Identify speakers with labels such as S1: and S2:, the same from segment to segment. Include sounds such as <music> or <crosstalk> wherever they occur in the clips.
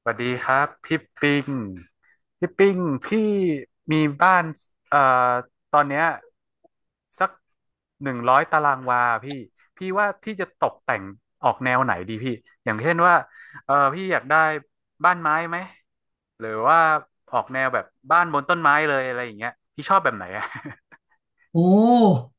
S1: สวัสดีครับพี่ปิงพี่ปิงพี่มีบ้านเอ่อตอนเนี้ยสักหนึ่งร้อยตารางวาพี่พี่ว่าพี่จะตกแต่งออกแนวไหนดีพี่อย่างเช่นว่าเออพี่อยากได้บ้านไม้ไหมหรือว่าออกแนวแบบบ้านบนต้นไม้เลยอะไรอย่างเงี้ยพี่ชอบแบบไหนอะ
S2: โอ้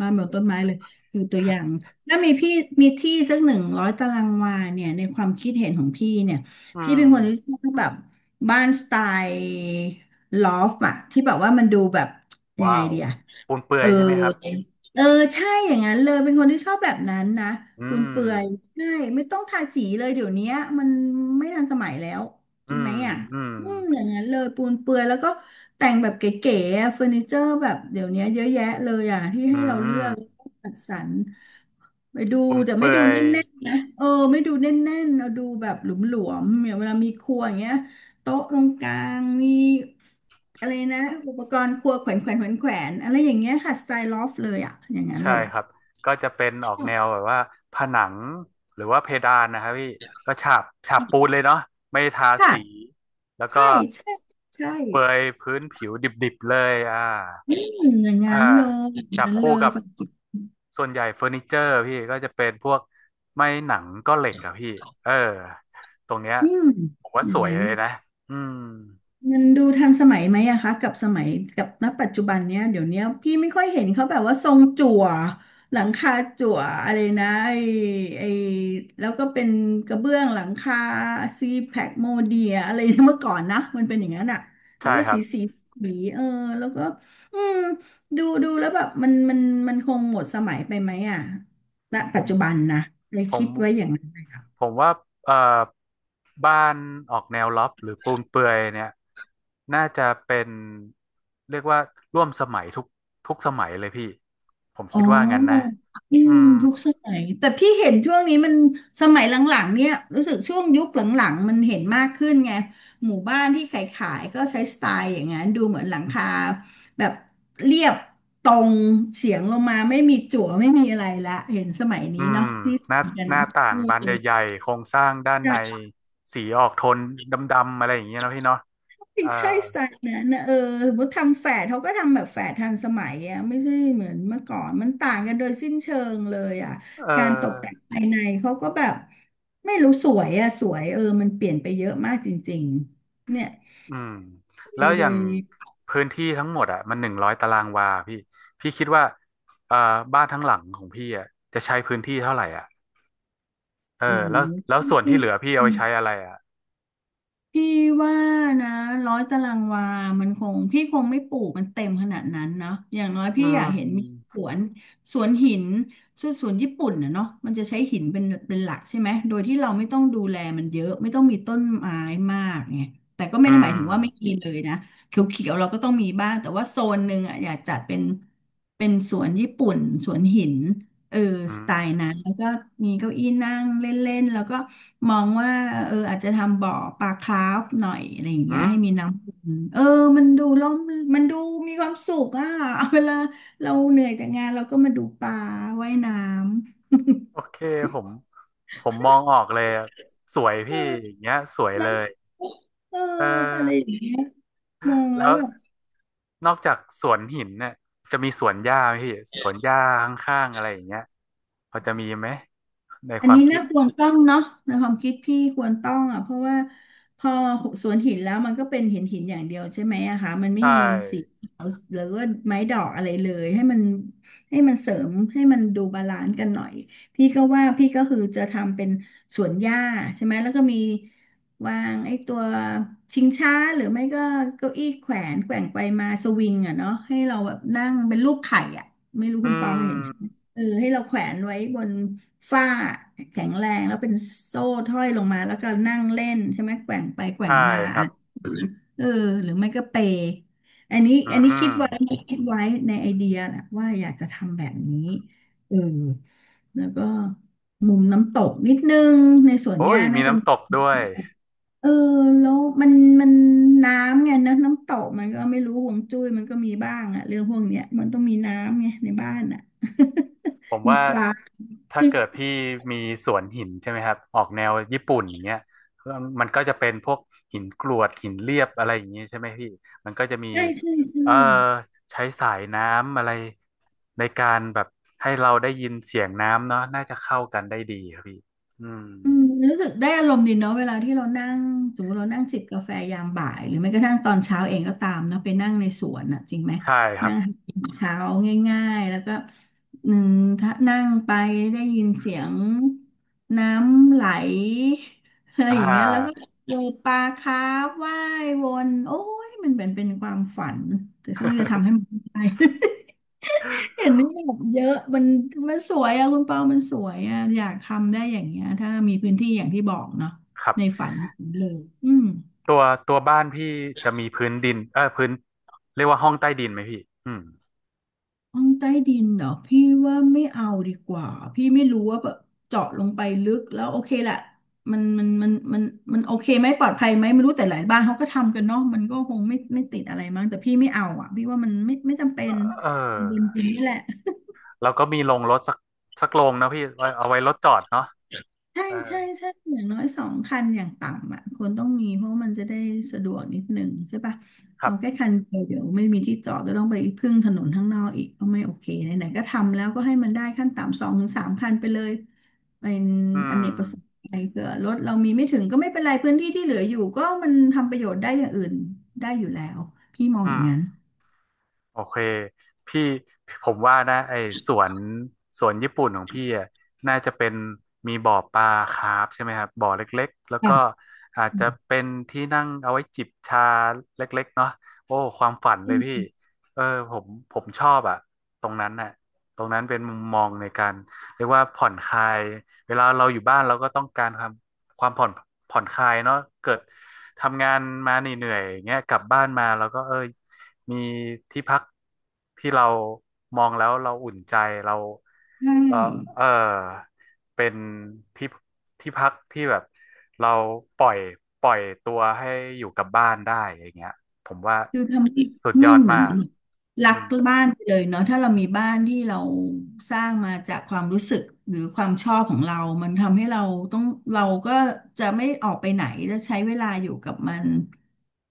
S2: บ้านแบบต้นไม้เลยคือตัวอย่างถ้ามีพี่มีที่สักหนึ่งร้อยตารางวาเนี่ยในความคิดเห็นของพี่เนี่ย
S1: <laughs> อื
S2: พี่เป็
S1: ม
S2: นคนที่ชอบแบบบ้านสไตล์ลอฟอะที่แบบว่ามันดูแบบยัง
S1: ว้า
S2: ไง
S1: ว
S2: ดีอะ
S1: ปูนเปลื
S2: เอ
S1: อย
S2: อ
S1: ใช่ไหมครับ
S2: เออใช่อย่างนั้นเลย เป็นคนที่ชอบแบบนั้นนะ
S1: อื
S2: คุณ
S1: ม
S2: เปื่อยใช่ไม่ต้องทาสีเลยเดี๋ยวเนี้ยมันไม่ทันสมัยแล้ว จ
S1: อื
S2: ริงไหม
S1: ม
S2: อ่ะ
S1: อืม
S2: อืมอย่างนั้นเลย ปูนเปื่อยแล้วก็แต่งแบบเก๋ๆอะเฟอร์นิเจอร์แบบเดี๋ยวเนี้ยเยอะแยะเลยอ่ะที่ให้
S1: อื
S2: เราเลือ
S1: ม
S2: กจัดสรร ไปดู
S1: ปูน
S2: แต่
S1: เป
S2: ไม่
S1: ลื
S2: ดู
S1: อ
S2: แน
S1: ย
S2: ่นๆนะเออไม่ดูแน่นๆเราดูแบบหลวมๆอย่างเวลามีครัวอย่างเงี้ยโต๊ะตรงกลางมีอะไรนะอุปกรณ์ครัวแขวนแขวนแขวนแขวนอะไรอย่างเงี้ยค่ะสไตล์ลอฟเลยอ่ะอย่างนั้น
S1: ใช่
S2: เลย
S1: ค
S2: อ่ะ
S1: รับ ก็จะเป็นออกแนว
S2: ใช่
S1: แบบว่าผนังหรือว่าเพดานนะครับพี่ก็ฉาบปูนเลยเนาะไม่ทาสี
S2: ค่ะ
S1: แล้วก็
S2: ใช่ใช่ใช่
S1: เปรยพื้นผิวดิบๆเลยอ่า
S2: อืมอย่าง
S1: อ่า
S2: นั้นเลยอย่าง
S1: จับ
S2: นั้นเล
S1: คู่
S2: ย
S1: กับ
S2: ฝัก
S1: ส่วนใหญ่เฟอร์นิเจอร์พี่ก็จะเป็นพวกไม้หนังก็เหล็กอะพี่เออตรงเนี้ย
S2: อืม
S1: ผมว่า
S2: อ
S1: ส
S2: ย่าง
S1: วย
S2: นั้
S1: เล
S2: น
S1: ยนะอืม
S2: มันดูทันสมัยไหมอะคะกับสมัยกับณปัจจุบันเนี้ยเดี๋ยวเนี้ยพี่ไม่ค่อยเห็นเขาแบบว่าทรงจั่วหลังคาจั่วอะไรนะไอแล้วก็เป็นกระเบื้องหลังคาซีแพคโมเดียอะไรนะเมื่อก่อนนะมันเป็นอย่างนั้นอะแล้
S1: ใช่
S2: วก็
S1: ครั
S2: สี
S1: บ
S2: สีสีเออแล้วก็อืมดูแล้วแบบมันคงหมดสมัยไปไหมอะณ
S1: ผ
S2: ปัจจุบัน
S1: ม
S2: นะเลย
S1: ผ
S2: คิด
S1: ม
S2: ไว้อย่างนั้น
S1: ผมว่าเอ่อบ้านออกแนวล็อฟหรือปูนเปลื่อยเนี่ยน่าจะเป็นเรียกว่าร่วมสมัยทุกทุกสมัยเลยพี่ผม
S2: อ๋
S1: คิดว่างั้นนะ
S2: ออื
S1: อื
S2: ม
S1: ม
S2: ทุกสมัยแต่พี่เห็นช่วงนี้มันสมัยหลังๆเนี่ยรู้สึกช่วงยุคหลังๆมันเห็นมากขึ้นไงหมู่บ้านที่ขายๆก็ใช้สไตล์อย่างนั้นดูเหมือนหลังคาแบบเรียบตรงเฉียงลงมาไม่มีจั่วไม่มีอะไรละเห็นสมัย
S1: อื
S2: นี้
S1: ม
S2: เนาะที่
S1: หน้า
S2: มีกัน
S1: หน้า
S2: เนาะ
S1: ต่างบานให
S2: เอ
S1: ญ่ๆโครงสร้างด้านใน
S2: อ
S1: สีออกโทนดำๆอะไรอย่างเงี้ยนะพี่เนาะเออ
S2: ใช่สไตล์นั้นนะเออสมมติทำแฝดเขาก็ทำแบบแฝดทันสมัยอ่ะไม่ใช่เหมือนเมื่อก่อนมันต่างกันโดยสิ้นเชิงเลยอ่ะ
S1: เอ
S2: การตกแต่ง
S1: อ
S2: ภายในเขาก็แบบไม่รู้สวยอ่ะสวยเออมันเปลี่ยนไปเยอะมากจริงๆเนี่ย
S1: อืม
S2: เล
S1: แล้
S2: ย
S1: วอ
S2: เล
S1: ย่าง
S2: ย
S1: พื้นที่ทั้งหมดอ่ะมันหนึ่งร้อยตารางวาพี่พี่คิดว่าเอ่อบ้านทั้งหลังของพี่อ่ะจะใช้พื้นที่เท่าไหร่อ่ะ เออ
S2: โอ้
S1: แล้วแล้
S2: โ
S1: วส่วนที่เหลือพี่เอาไปใช้
S2: ห
S1: อะไรอ่ะ
S2: พี่ว่านะร้อยตารางวามันคงพี่คงไม่ปลูกมันเต็มขนาดนั้นเนาะอย่างน้อย
S1: อื
S2: พี่อ
S1: ม
S2: ยากเห็นมีสวนสวนหินส่วนสวนญี่ปุ่นนะเนาะมันจะใช้หินเป็นหลักใช่ไหมโดยที่เราไม่ต้องดูแลมันเยอะไม่ต้องมีต้นไม้มากไงแต่ก็ไม่
S1: อื
S2: ได้หมาย
S1: ม
S2: ถึงว่าไม่มีเลยนะเขียวๆเราก็ต้องมีบ้างแต่ว่าโซนหนึ่งอ่ะอยากจัดเป็นเป็นสวนญี่ปุ่นสวนหินเออ
S1: อื
S2: สไตล์นั้นแล้
S1: ม
S2: วก็มีเก้าอี้นั่งเล่นๆแล้วก็ มองว่าเอออาจจะทำบ่อปลาคราฟหน่อยอะไรอย่างเงี้
S1: อื
S2: ย
S1: ม
S2: ให้มีน้ำวนเออมันดูร่มมันดูมีความสุขอ่ะ <laughs> เวลาเราเหนื่อยจากงานเราก็มาดูปลาว่ายน้
S1: โอ
S2: ำ <laughs>
S1: เคผมผมมองออกเลยอะสวย
S2: เอ
S1: พี่อ
S2: อ
S1: ย่างเงี้ยสวย
S2: น
S1: เลย
S2: ะเออ
S1: เอ
S2: อะไรอ
S1: อ
S2: ย่างเงี้ยมองแล้
S1: แล้
S2: ว
S1: ว
S2: แบบ
S1: นอกจากสวนหินเนี่ยจะมีสวนหญ้าไหมพี่สวนหญ้าข้างๆอะไรอย่างเงี้ยพอจะมีไหมใน
S2: อั
S1: ค
S2: น
S1: วาม
S2: นี้
S1: คิด
S2: น่าควรต้องเนาะในความคิดพี่ควรต้องอ่ะเพราะว่าพอสวนหินแล้วมันก็เป็นเหินหินอย่างเดียวใช่ไหมอะคะมัน
S1: ใช
S2: ไม่มีสี
S1: ่
S2: เขียวหรือว่าไม้ดอกอะไรเลยให้มันให้มันเสริมให้มันดูบาลานซ์กันหน่อยพี่ก็ว่าพี่ก็คือจะทำเป็นสวนหญ้าใช่ไหมแล้วก็มีวางไอ้ตัวชิงช้าหรือไม่ก็เก้าอี้แขวนแกว่งไปมาสวิงอ่ะเนาะให้เราแบบนั่งเป็นรูปไข่อ่ะไม่รู้
S1: อื
S2: คุณปอเคยเห็น
S1: ม
S2: เออให้เราแขวนไว้บนฝ้าแข็งแรงแล้วเป็นโซ่ห้อยลงมาแล้วก็นั่งเล่นใช่ไหมแกว่งไปแกว่
S1: ใช่
S2: งมา
S1: ครั
S2: อ่ะ
S1: บ
S2: เออหรือไม่ก็เปย์อันนี้
S1: อื
S2: อันนี้คิด
S1: ม
S2: ไว้คิดไว้ในไอเดียนะว่าอยากจะทำแบบนี้เออแล้วก็มุมน้ำตกนิดนึงในสวนห
S1: โอ้ย
S2: ญ้า
S1: มี
S2: น่าจะ
S1: น้ำตกด้วย
S2: เออแล้วมันมันน้ำไงนะน้ำตกมันก็ไม่รู้ห่วงจุ้ยมันก็มีบ้างอะเรื่องพวกเนี้ยมันต้องมีน้ำไงในบ้านอะ
S1: ผ
S2: <laughs>
S1: ม
S2: มี
S1: ว่า
S2: ปลา
S1: ถ้าเกิดพี่มีสวนหินใช่ไหมครับออกแนวญี่ปุ่นอย่างเงี้ยมันก็จะเป็นพวกหินกรวดหินเรียบอะไรอย่างงี้ใช่ไหมพี่มันก็จะมี
S2: ใช่ใช่ใช่
S1: เออใช้สายน้ำอะไรในการแบบให้เราได้ยินเสียงน้ำเนาะน่าจะเข้ากันได้ดีครับพี่อืม
S2: อืมรู้สึกได้อารมณ์ดีเนาะเวลาที่เรานั่งสมมติเรานั่งจิบกาแฟยามบ่ายหรือไม่กระทั่งตอนเช้าเองก็ตามเนาะไปนั่งในสวนอ่ะจริงไหม
S1: ใช่ครั
S2: นั่
S1: บ
S2: งหากินเช้าง่ายๆแล้วก็หนึ่งถ้านั่งไปได้ยินเสียงน้ำไหลอะไร
S1: อ่
S2: อย่างเงี้ยแล้วก็
S1: า
S2: เจอปลาคาร์ฟว่ายวนโอ้ยมันเป็นเป็นความฝันแต่ซึ่งจะทำให้มันได้ เห็
S1: <laughs>
S2: นนี่แบบเยอะมันสวยอะคุณเปามันสวยอะอยากทำได้อย่างเงี้ยถ้ามีพื้นที่อย่างที่บอกเนาะ
S1: ครับ
S2: ในฝันเลยอืม
S1: ตัวตัวบ้านพี่จะมีพื้นดินเออพื้นเรียกว่าห้องใต้ดินไหมพี่อืม
S2: ห้องใต้ดินเหรอพี่ว่าไม่เอาดีกว่าพี่ไม่รู้ว่าแบบเจาะลงไปลึกแล้วโอเคแหละมันมันโอเคไหมปลอดภัยไหมไม่รู้แต่หลายบ้านเขาก็ทำกันเนาะมันก็คงไม่ติดอะไรมั้งแต่พี่ไม่เอาอะพี่ว่ามันไม่จำเป็น
S1: เ
S2: ดิน
S1: ออ
S2: ดินนี่แหละ
S1: แล้วก็มีโรงรถสักโรงนะพี่ไว้เอาไว้รถจอดเนาะ
S2: ใช่
S1: เอา
S2: ใช่ใช่อย่างน้อย2 คันอย่างต่ำอ่ะคนต้องมีเพราะมันจะได้สะดวกนิดหนึ่งใช่ปะ
S1: ครั
S2: เอา
S1: บ
S2: แค่คันเดียวเดี๋ยวไม่มีที่จอดก็ต้องไปพึ่งถนนข้างนอกอีกก็ไม่โอเคไหนๆก็ทำแล้วก็ให้มันได้ขั้นต่ำ2-3 คันไปเลยเป็น
S1: อื
S2: อ
S1: ม
S2: เนกประสงค์ไปเผื่อรถเรามีไม่ถึงก็ไม่เป็นไรพื้นที่ที่เหลืออยู่ก็มันทำประโยชน์ได้อย่างอื่นได้อยู่แล้วพี่มองอ
S1: อื
S2: ย่าง
S1: ม
S2: นั้น
S1: โอเคพี่ผมว่านะไอ้สวนสวนญี่ปุ่นของพี่อะน่าจะเป็นมีบ่อปลาคาร์ฟใช่ไหมครับบ่อเล็กๆแล้ว
S2: ค่ะ
S1: ก็อาจ
S2: อื
S1: จะ
S2: ม
S1: เป็นที่นั่งเอาไว้จิบชาเล็กๆเนาะโอ้ความฝันเลยพี่เออผมชอบอะตรงนั้นน่ะตรงนั้นเป็นมุมมองในการเรียกว่าผ่อนคลายเวลาเราอยู่บ้านเราก็ต้องการความ ความผ่อนผ่อนคลายเนาะเกิดทำงานมาเหนื่อยๆอย่างเงี้ยกลับบ้านมาแล้วก็เออมีที่พักที่เรามองแล้วเราอุ่นใจเรา
S2: ใช่
S1: เราเออเป็นที่ที่พักที่แบบเราปล่อยปล่อยตัวให้อยู่กับบ้านได้อย่างเงี้ยผมว่า
S2: คือทำให้
S1: สุดย
S2: ไม่
S1: อด
S2: เหมื
S1: มา
S2: อน
S1: ก
S2: รั
S1: อื
S2: ก
S1: ม
S2: บ้านไปเลยเนาะถ้าเรามีบ้านที่เราสร้างมาจากความรู้สึกหรือความชอบของเรามันทำให้เราต้องเราก็จะไม่ออกไปไหนจะใช้เวลาอยู่กับมัน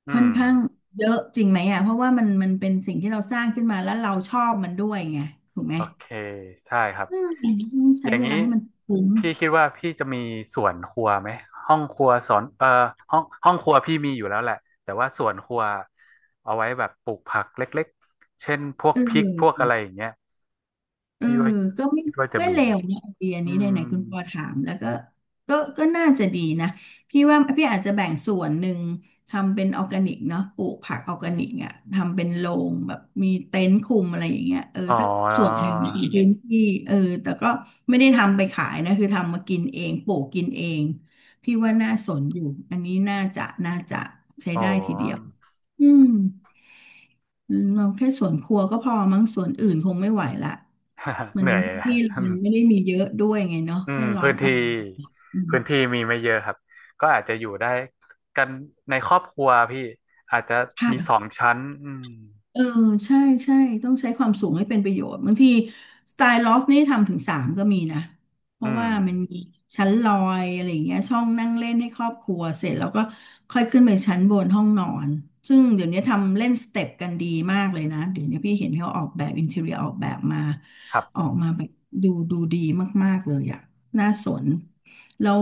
S1: อื
S2: ค่อน
S1: ม
S2: ข้างเยอะจริงไหมอ่ะเพราะว่ามันเป็นสิ่งที่เราสร้างขึ้นมาแล้วเราชอบมันด้วยไงถูกไหม
S1: โอเคใช่ครับ
S2: อืมต้อง
S1: อ
S2: ใช้
S1: ย่าง
S2: เว
S1: นี้
S2: ลาให้มันคุ้ม
S1: พี่คิดว่าพี่จะมีส่วนครัวไหมห้องครัวสอนห้องครัวพี่มีอยู่แล้วแหละแต่ว่าส่วนครัวเอาไว้แบบปลูกผักเล็กๆเช่นพวก
S2: เ
S1: พริกพวก
S2: ออ
S1: อะไรอย่างเงี้ย
S2: เออ
S1: พี่ว่า
S2: ก็ไม่
S1: คิดว่าจะ
S2: ก็
S1: มี
S2: เล
S1: ไหม
S2: วนะไอเดีย
S1: อื
S2: นี้
S1: ม
S2: ไหนๆคุณปอถามแล้วก็ก็น่าจะดีนะพี่ว่าพี่อาจจะแบ่งส่วนหนึ่งทำเป็นออร์แกนิกเนาะปลูกผักออร์แกนิกอ่ะทำเป็นโรงแบบมีเต็นท์คุมอะไรอย่างเงี้ยเออ
S1: อ๋อ
S2: สักส่วนหนึ่งในพื้นที่เออแต่ก็ไม่ได้ทำไปขายนะคือทำมากินเองปลูกกินเองพี่ว่าน่าสนอยู่อันนี้น่าจะใช้
S1: โอ้
S2: ได้ทีเดียวอืม อืมเราแค่สวนครัวก็พอมั้งสวนอื่นคงไม่ไหวละ
S1: <laughs>
S2: มั
S1: เห
S2: น
S1: นื่อยนะ <laughs>
S2: ที่มันไม่ได้มีเยอะด้วยไงเนาะ
S1: อื
S2: แค่
S1: ม
S2: ร้อ
S1: พื้
S2: ย
S1: น
S2: ตา
S1: ที่
S2: รางอืม
S1: พื้นที่มีไม่เยอะครับก็อาจจะอยู่ได้กันในครอบครัวพี่อาจจะมีสอง
S2: ค่ะ
S1: ชั้นอืม
S2: เออใช่ใช่ต้องใช้ความสูงให้เป็นประโยชน์บางทีสไตล์ลอฟนี่ทำถึงสามก็มีนะเพ
S1: อื
S2: ราะ
S1: ม
S2: ว่ามันมีชั้นลอยอะไรอย่างเงี้ยช่องนั่งเล่นให้ครอบครัวเสร็จแล้วก็ค่อยขึ้นไปชั้นบนห้องนอนซึ่งเดี๋ยวนี้ทำเล่นสเต็ปกันดีมากเลยนะเดี๋ยวนี้พี่เห็นเขาออกแบบอินเทอร์เรียออกแบบมา
S1: ครั
S2: ออ
S1: บ
S2: กมาแบบดูดีมากๆเลยอะน่าสนแล้ว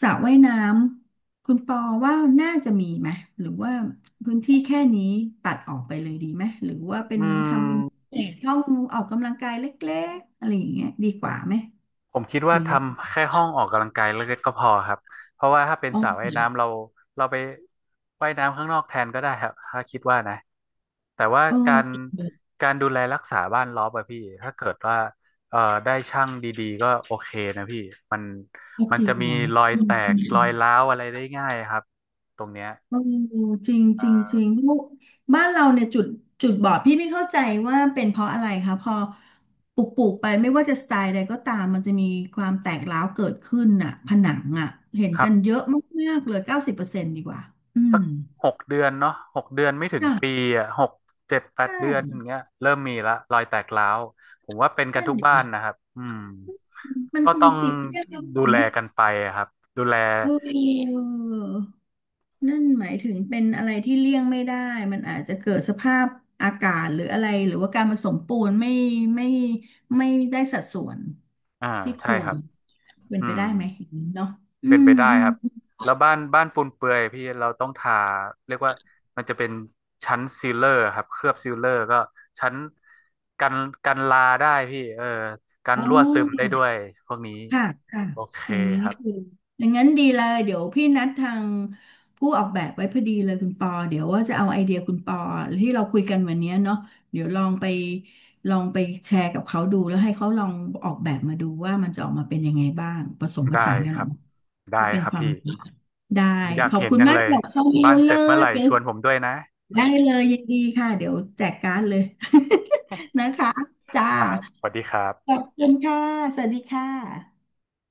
S2: สระว่ายน้ำ คุณปอว่าน่าจะมีไหมหรือว่าพื้นที่แค่นี้ตัดออกไปเลยดีไหมหรือว่าเป็
S1: อื
S2: นทำเป็น
S1: ม
S2: เอ่อช่องออกกำลังกายเล็กๆอะไรอย่างเงี้ยดีกว่าไหม
S1: ผมคิด
S2: ห
S1: ว่า
S2: รือ
S1: ท
S2: ยัง
S1: ำ
S2: ไง
S1: แค่ห้องออกกำลังกายเล็กๆก็พอครับเพราะว่าถ้าเป็น
S2: อ๋
S1: สระว่ายน้ำเรา
S2: อ
S1: เราไปว่ายน้ำข้างนอกแทนก็ได้ครับถ้าคิดว่านะแต่ว่า
S2: เออ
S1: การ
S2: จริงเห
S1: การดูแลรักษาบ้านรอบอะพี่ถ้าเกิดว่าเอ่อได้ช่างดีๆก็โอเคนะพี่มัน
S2: รอ
S1: มันจะมีรอย
S2: อื
S1: แตกรอ
S2: ม
S1: ยร้าวอะไรได้ง่ายครับตรงเนี้ย
S2: โอ้จริงจริงจริงลูกบ้านเราเนี่ยจุดบอดพี่ไม่เข้าใจว่าเป็นเพราะอะไรคะพอปลูกไปไม่ว่าจะสไตล์ใดก็ตามมันจะมีความแตกร้าวเกิดขึ้นน่ะผนังอ่ะเห็น
S1: ครั
S2: กั
S1: บ
S2: นเยอะมากๆเลย90%ดีกว่าอื
S1: สั
S2: ม
S1: ก6 เดือนเนาะหกเดือนไม่ถึง
S2: จ้ะ
S1: ปีอ่ะหกเจ็ดแปด
S2: ใช่
S1: เดือนอย่างเงี้ยเริ่มมีละรอยแตกร้าวผมว่าเป็นกัน
S2: นั่น
S1: ทุก
S2: ดิ
S1: บ้านนะครับอืม
S2: มัน
S1: ก็
S2: คง
S1: ต้อง
S2: สิเรียกแล้ว
S1: ดู
S2: เห็น
S1: แล
S2: ไหม
S1: กันไปอะครับดูแล
S2: เออ นั่นหมายถึงเป็นอะไรที่เลี่ยงไม่ได้มันอาจจะเกิดสภาพอากาศหรืออะไรหรือว่าการผสมปูนไม่ไม่ได้สัดส่วน
S1: อ่า
S2: ที่ค
S1: ใช่
S2: ว
S1: ค
S2: ร
S1: รับ
S2: เป็น
S1: อื
S2: ไป
S1: ม
S2: ได้ไหมอย่างนี้เนาะอื
S1: เป็น
S2: ม
S1: ไปได้
S2: อื
S1: ครับ
S2: ม
S1: แล้วบ้านปูนเปื่อยพี่เราต้องทาเรียกว่ามันจะเป็นชั้นซีลเลอร์ครับเคลือบซีลเลอร์ก็ชั้นกันกันลาได้พี่เออกัน
S2: โอ
S1: รั่วซึมได้
S2: ้
S1: ด้วยพวกนี้
S2: ค่ะค่ะ
S1: โอเค
S2: อย่างนี้
S1: ครั
S2: คือ
S1: บ
S2: อย่างนั้นดีเลย เดี๋ยวพี่นัดทางผู้ออกแบบไว้พอดีเลยคุณปอ เดี๋ยวว่าจะเอาไอเดียคุณปอที่เราคุยกันวันเนี้ยเนาะเดี๋ยวลองไปแชร์กับเขาดูแล้วให้เขาลองออกแบบมาดูว่ามันจะออกมาเป็นยังไงบ้างผสมผ
S1: ได้
S2: สานกัน
S1: ค
S2: ออ
S1: รั
S2: ก
S1: บ
S2: มา
S1: ได้
S2: ที่เป็น
S1: ครับ
S2: ความ
S1: พี่
S2: รู้ได้
S1: ผมอยา
S2: ข
S1: ก
S2: อบ
S1: เห็น
S2: คุณ
S1: ยัง
S2: มาก
S1: เลย
S2: สำหรับข้อมู
S1: บ้า
S2: ล
S1: นเส
S2: เล
S1: ร็จเมื่
S2: ย
S1: อไหร่
S2: เดี๋ยว
S1: ชวนผมด้วยนะ
S2: ได้
S1: อ่า
S2: เลยยินดีค่ะเดี๋ยวแจกการ์ดเลย
S1: <laughs>
S2: <laughs> นะคะจ้า
S1: ครับสวัสดีครั
S2: ขอ
S1: บ
S2: บคุณค่ะสวัสดีค่ะ